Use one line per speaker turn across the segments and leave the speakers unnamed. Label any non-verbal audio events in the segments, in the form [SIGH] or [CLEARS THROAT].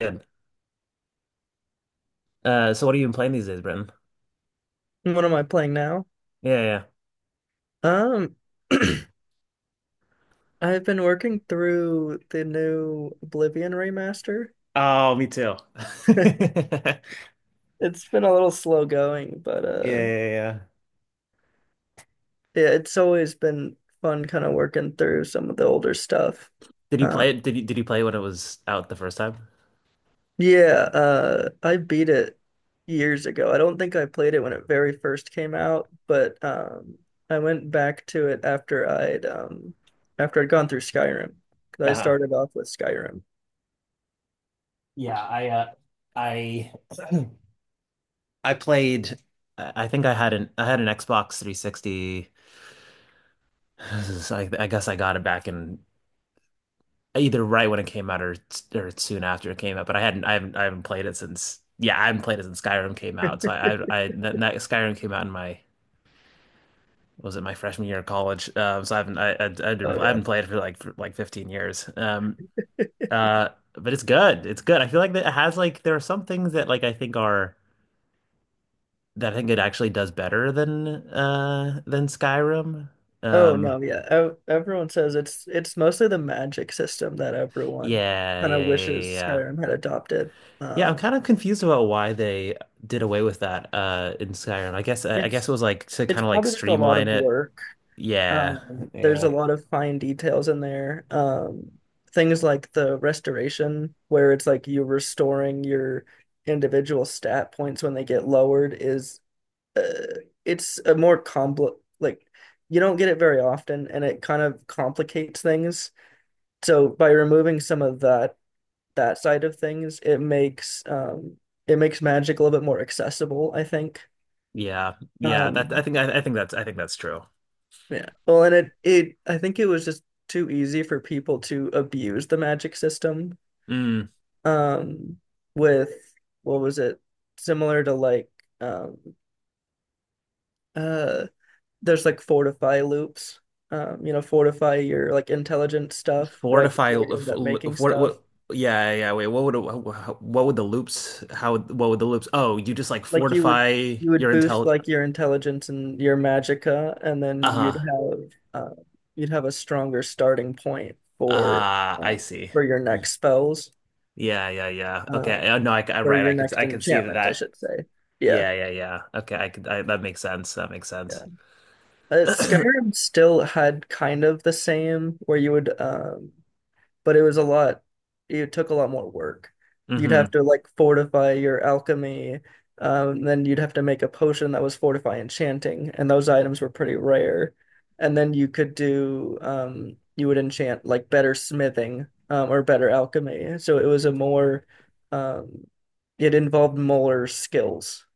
Good. So what have you been playing these days, Brenton?
What am I playing now?
Yeah, yeah.
Um, [CLEARS THROAT] I've been working through the new Oblivion remaster.
Oh, me too. [LAUGHS]
[LAUGHS]
yeah.
It's been a little slow going, but
Yeah, yeah,
yeah, it's always been fun kind of working through some of the older stuff.
did you
Uh
play it? Did you play it when it was out the first time?
yeah, I beat it years ago. I don't think I played it when it very first came out, but I went back to it after I'd after I'd gone through Skyrim because
Yeah.
I
Uh-huh.
started off with Skyrim.
Yeah, I [CLEARS THROAT] I played. I think I had an Xbox 360. [SIGHS] I guess I got it back in either right when it came out or soon after it came out. But I haven't played it since yeah I haven't played it since Skyrim came out. So I that, that Skyrim came out in my was it my freshman year of college? So I haven't I didn't
Oh
I
yeah.
haven't played for like 15 years. But it's good. It's good. I feel like that it has like there are some things that like I think are that I think it actually does better than Skyrim.
Oh
Um,
no, yeah. Everyone says it's mostly the magic system that everyone
yeah,
kind of
yeah, yeah, yeah.
wishes
Yeah,
Skyrim had adopted.
yeah, I'm
Um,
kind of confused about why they did away with that in Skyrim. I guess it
it's
was like to
it's
kind of like
probably just a lot
streamline
of
it.
work.
Yeah,
There's a
yeah,
lot of fine details in there. Things like the restoration, where it's like you restoring your individual stat points when they get lowered, is uh, it's a more complex like you don't get it very often, and it kind of complicates things. So by removing some of that side of things, it makes it makes magic a little bit more accessible, I think.
yeah, yeah. That I
Um
think I, I think that's I think that's true.
yeah. Well, and it I think it was just too easy for people to abuse the magic system.
Mm.
Um with what was it? Similar to like um uh there's like fortify loops. You know, fortify your like intelligent stuff right
Fortify,
before you end
f-
up
l-
making
for,
stuff.
what, yeah, yeah, wait, what would the loops, how, would what would the loops, oh, you just like
Like you would
fortify
you would
your
boost like your intelligence and your magicka, and then
uh-huh,
uh, you'd have a stronger starting point
I
um,
see.
for your
Y-
next spells,
Yeah, yeah, yeah,
uh,
okay, no, I,
for
right,
your next
I could see that,
enchantment, I
that,
should say. Yeah,
Yeah, yeah, yeah, okay, that makes sense, that makes sense.
yeah.
[CLEARS THROAT]
Skyrim still had kind of the same where you would but it took a lot more work. You'd
Mm-hmm,
have to like fortify your alchemy, then you'd have to make a potion that was fortify enchanting, and those items were pretty rare. And then you could do, you would enchant like better smithing, or better alchemy. So um, it involved more skills.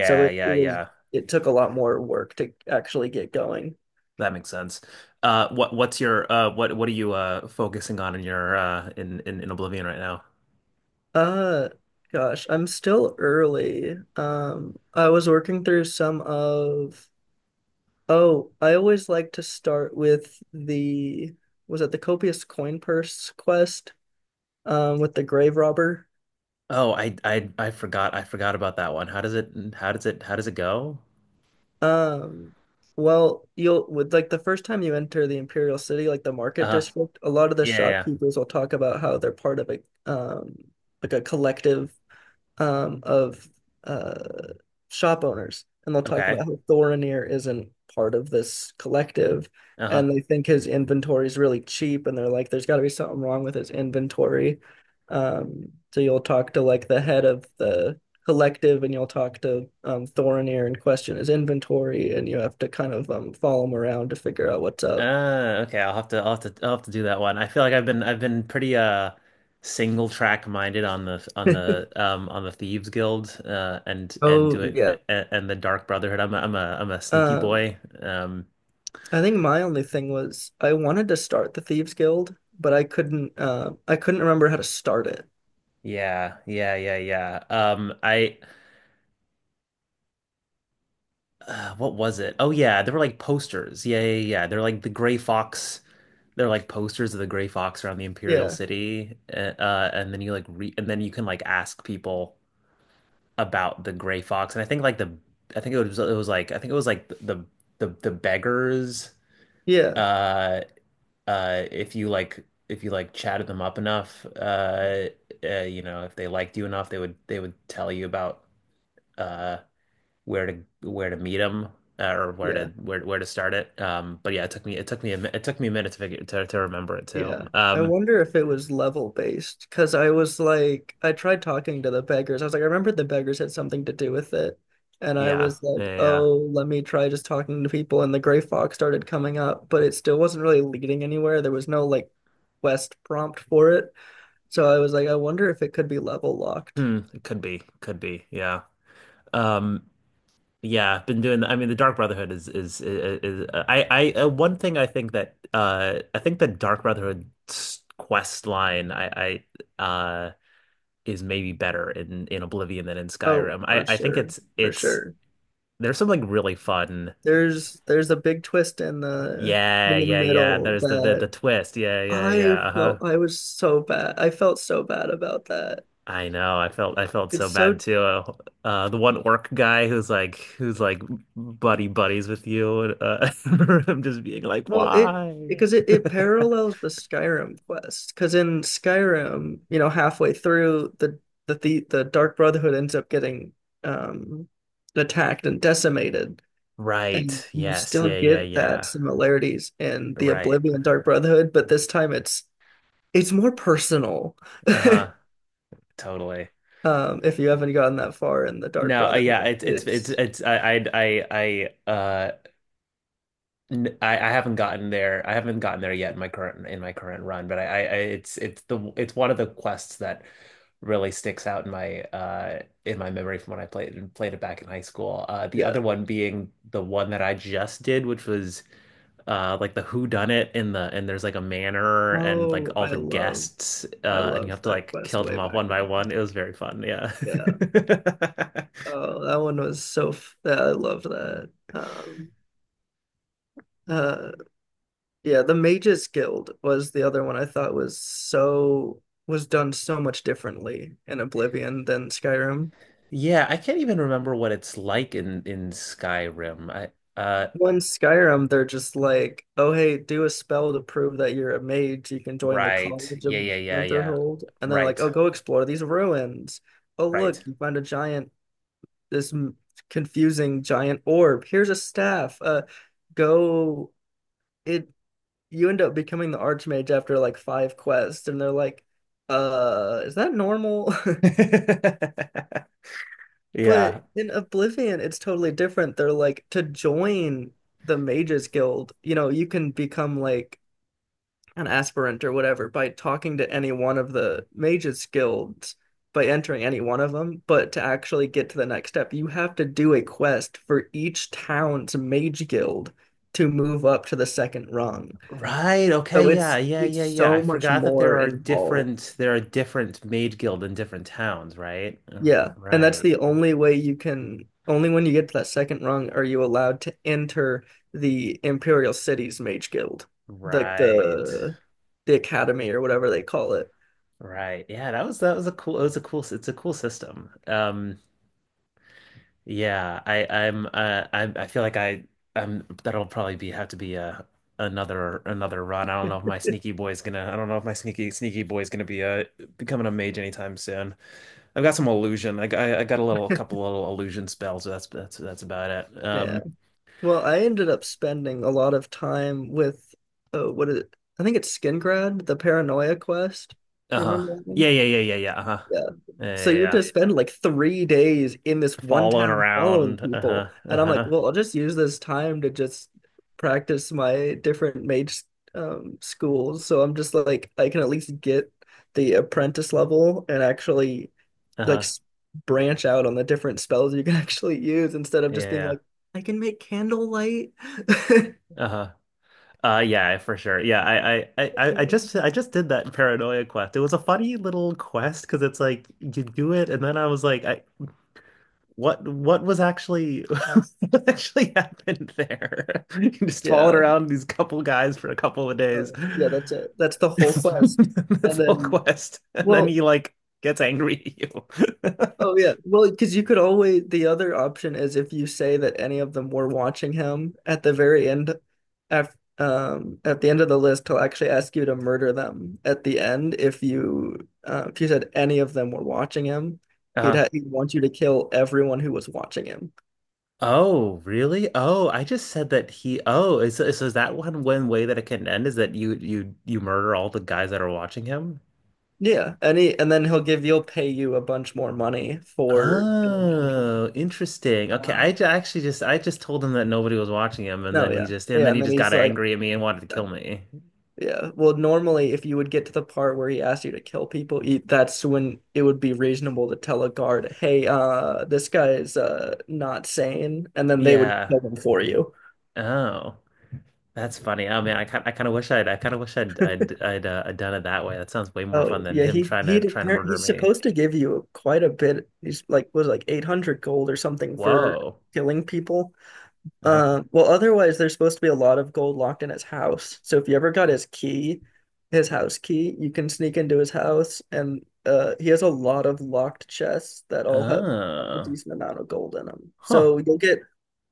So
yeah, yeah,
it took a lot more work to actually get going.
that makes sense. What's your, what are you, focusing on in your, in Oblivion right now?
Uh, gosh, I'm still early. I was working through oh, I always like to start with the, was it the Copious Coin Purse quest, with the grave robber?
Oh, I forgot. I forgot about that one. How does it how does it how does it go?
Um, well, you'll, with like the first time you enter the Imperial City, like the market
Uh,
district, a lot of the
yeah, yeah. Yeah.
shopkeepers will talk about how they're part of a, um, like a collective, of, uh, shop owners, and they'll talk about
Okay.
how Thorinir isn't part of this collective,
Uh-huh.
and they think his inventory is really cheap, and they're like, "There's got to be something wrong with his inventory." So you'll talk to like the head of the collective, and you'll talk to Thorinir and question his inventory, and you have to kind of follow him around to figure out what's up.
Okay, I'll have to do that one. I feel like I've been pretty single track minded on the
[LAUGHS]
on the Thieves Guild and
Oh,
doing
yeah.
and the Dark Brotherhood. I'm a sneaky
Um,
boy.
I think my only thing was I wanted to start the Thieves Guild, but I couldn't. I couldn't remember how to start it.
Yeah, yeah, yeah, yeah. I what was it? Oh yeah, there were like posters. Yeah, yeah, yeah. Yeah. They're like the Gray Fox they're like posters of the Gray Fox around the Imperial
Yeah.
City, and then you like re and then you can like ask people about the Gray Fox. And I think like the I think it was like I think it was like the the beggars.
Yeah,
Uh, if you like chatted them up enough, you know, if they liked you enough, they would tell you about uh where to where to meet them. Or
yeah,
where to start it. But yeah, it took me it took me a minute to figure to remember it too.
yeah. I wonder if it was level based because I was like, I tried talking to the beggars. I was like, I remember the beggars had something to do with it. And I
Yeah,
was
yeah,
like,
yeah. Yeah.
oh, let me try just talking to people. And the gray fox started coming up, but it still wasn't really leading anywhere. There was no like quest prompt for it. So I was like, I wonder if it could be level locked.
Hmm, it could be, could be. Yeah. Um, yeah, been doing I mean, the Dark Brotherhood is I one thing I think that I think the Dark Brotherhood quest line I is maybe better in Oblivion than in
Oh,
Skyrim. I
for
I think
sure. For
it's
sure.
there's something really fun.
There's a big twist
Yeah,
in the
yeah, yeah.
middle
There's the
that
twist. Yeah, yeah,
I
yeah. Uh-huh.
felt I was so bad. I felt so bad about that.
I know. I felt so
It's
bad
so
too. The one orc guy who's like buddy buddies with you. And, uh, [LAUGHS] I'm just being like,
well it
why?
because it
[LAUGHS]
parallels the Skyrim quest. Because in Skyrim, you know, halfway through the Dark Brotherhood ends up getting um attacked and decimated. And
Right.
you
Yes.
still
Yeah. Yeah.
get that
Yeah.
similarities in the
Right.
Oblivion Dark Brotherhood, but this time it's more personal.
Uh-huh. Totally.
If you haven't gotten that far in the Dark
No. Yeah.
Brotherhood, it's
It's I I. I haven't gotten there. I haven't gotten there yet in my current run, but it's the it's one of the quests that really sticks out in my memory from when I played it back in high school. The
yeah.
other one being the one that I just did, which was like the who done it in the and there's like a manor and like
Oh,
all the guests
I
and you
loved
have to
that
like
quest
kill
way
them off
back
one by
then.
one. It was very fun. Yeah.
Yeah.
[LAUGHS]
Oh, that one was so. Yeah, I loved that. Uh, yeah, the Mages Guild was the other one I thought was done so much differently in Oblivion than Skyrim.
Yeah, I can't even remember what it's like in Skyrim. I
When Skyrim, they're just like, oh hey, do a spell to prove that you're a mage. You can join the
Right.
College of
Yeah, yeah, yeah, yeah.
Winterhold, and then like,
Right.
oh, go explore these ruins. Oh
Right.
look, you find a giant this m- confusing giant orb. Here's a staff. Go. It you end up becoming the archmage after like five quests, and they're like, is that normal? [LAUGHS]
[LAUGHS] Yeah.
But in Oblivion, it's totally different. They're like to join the Mages Guild, you know, you can become like an aspirant or whatever by talking to any one of the mages guilds by entering any one of them, but to actually get to the next step you have to do a quest for each town's mage guild to move up to the second rung.
Right.
So
Okay.
really?
Yeah.
it's
Yeah.
it's
Yeah. Yeah. I
so much
forgot that there
more
are
involved.
different maid guild in different towns, right?
Yeah, and that's
Right.
the only way. You can only when you get to that second rung are you allowed to enter the imperial city's mage guild, like
Right.
the academy or whatever they call it.
Right. Yeah, that was a cool it was a cool it's a cool system. Yeah, I feel like I I'm that'll probably be have to be a another run. I don't know if my sneaky boy is gonna I don't know if my sneaky boy is gonna be becoming a mage anytime soon. I've got some illusion. I got a little couple little illusion spells. That's about it.
Yeah. Well, I ended up spending a lot of time with what is it? I think it's Skingrad, the Paranoia Quest. You
Uh-huh.
remember that
Yeah,
one?
yeah, yeah, yeah, yeah. Uh-huh.
Yeah.
Yeah,
So
yeah,
you
yeah.
just spend like 3 days in this one
Following
town following
around. Uh-huh.
people. And I'm like,
Uh-huh.
well, I'll just use this time to just practice my different mage schools. So I'm just like, I can at least get the apprentice level and actually like
Uh-huh.
s- branch out on the different spells you can [LAUGHS] actually use instead of
Yeah,
just being
yeah.
like, I can make candlelight. [LAUGHS]
Yeah. Uh-huh. Yeah, for sure. Yeah, I just did that paranoia quest. It was a funny little quest because it's like you do it and then I was like I what was actually [LAUGHS] what actually happened there? [LAUGHS] You just followed
Yeah.
around these couple guys for a couple of days.
Oh, yeah, that's it. That's the
[LAUGHS]
whole
That's
quest. And
the whole
then,
quest. And then
well,
he like gets angry at you. [LAUGHS]
oh yeah. Well, because you could always, the other option is if you say that any of them were watching him at the very end, af at the end of the list, he'll actually ask you to murder them at the end. If you said any of them were watching him, he'd
Uh
ha he'd want you to kill everyone who was watching him.
oh, really? Oh, I just said that he. oh, is so is that one one way that it can end is that you murder all the guys that are watching him?
Yeah, and he, and then he'll give you'll pay you a bunch more money for killing an animal.
Oh, interesting. Okay,
Um,
I just told him that nobody was watching him, and
no,
then
yeah, yeah, and
he
then
just
he's
got
like,
angry at me and wanted to kill me.
yeah. Well, normally, if you would get to the part where he asks you to kill people, you, that's when it would be reasonable to tell a guard, "Hey, this guy is not sane," and then they would
Yeah.
kill him for you.
Oh, that's funny. Oh man, I kind of wish I'd I kind of wish I'd done it that way. That sounds way more fun
Oh,
than
yeah,
him
he he
trying to murder
he's
me.
supposed to give you quite a bit. He's like was like 800 gold or something for
Whoa.
killing people.
Uh-huh.
Well, otherwise, there's supposed to be a lot of gold locked in his house. So if you ever got his key, his house key, you can sneak into his house, and he has a lot of locked chests that all have a
Oh.
decent amount of gold in them.
Huh.
So you'll get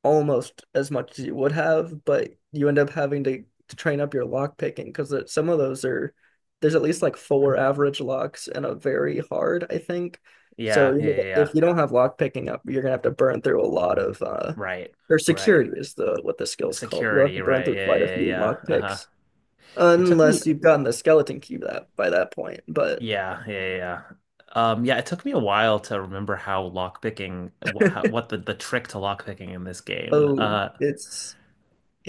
almost as much as you would have, but you end up having to train up your lock picking because some of those are there's at least like four average locks and a very hard, I think. So
Yeah,
you
yeah,
know,
yeah. Yeah.
if you don't have lock picking up, you're gonna have to burn through a lot of
Right,
or
right.
security is the what the skill's called. You'll have to
Security,
burn
right.
through
Yeah,
quite a
yeah,
few
yeah. Uh-huh.
lockpicks,
It took me
unless you've gotten the skeleton key that by that point. But
yeah, yeah, yeah. Yeah. Yeah, it took me a while to remember how lockpicking what how, what the trick to lockpicking in this game.
oh it's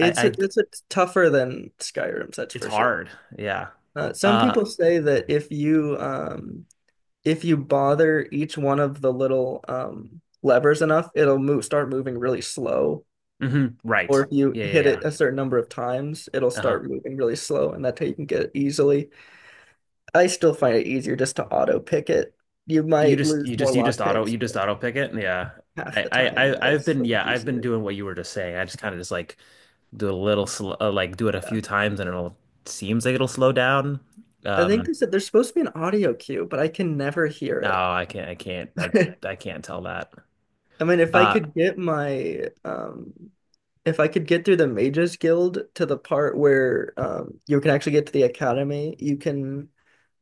a,
I
it's a tougher than Skyrim's, that's
it's
for sure.
hard. Yeah.
Some
Uh
people say that if you bother each one of the little levers enough, it'll move start moving really slow.
hmm right.
Or if you
Yeah, yeah,
hit
yeah.
it a certain number of times, it'll
Uh-huh.
start moving really slow, and that's how you can get it easily. I still find it easier just to auto pick it. You might lose more lock picks,
You
but
just auto pick it. Yeah.
half
I
the time, right?
I've
It's
been
so
yeah,
much
I've been
easier.
doing what you were just saying. I just kind of just like do a little sl like do it a
Yeah.
few times and it'll seems like it'll slow down.
I think
Um,
they said there's supposed to be an audio cue, but I can never hear
no, I can't, I can't, I,
it. [LAUGHS]
I can't tell that.
I mean, if I
Uh,
could get my if I could get through the Mages Guild to the part where you can actually get to the academy, you can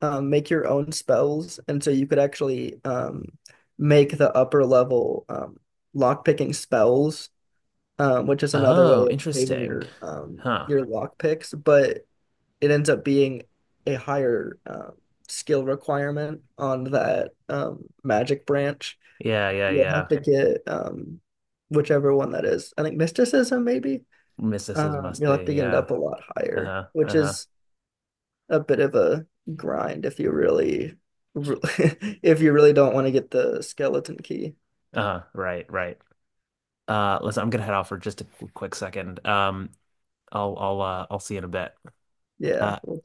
make your own spells, and so you could actually make the upper level lock picking spells which is another
oh,
way of saving
interesting. Huh.
your lock picks, but it ends up being a higher skill requirement on that magic branch.
Yeah, yeah,
You'll
yeah.
have to get whichever one that is. I think mysticism maybe.
Mysticism must
You'll have
be.
to get it
Yeah.
up a lot higher,
Uh-huh.
which
Uh-huh.
is a bit of a grind if you really, [LAUGHS] if you really don't want to get the skeleton key.
Uh-huh. Right, right. Listen, I'm gonna head off for just a quick second. I'll see you in a bit.
Yeah.
Uh,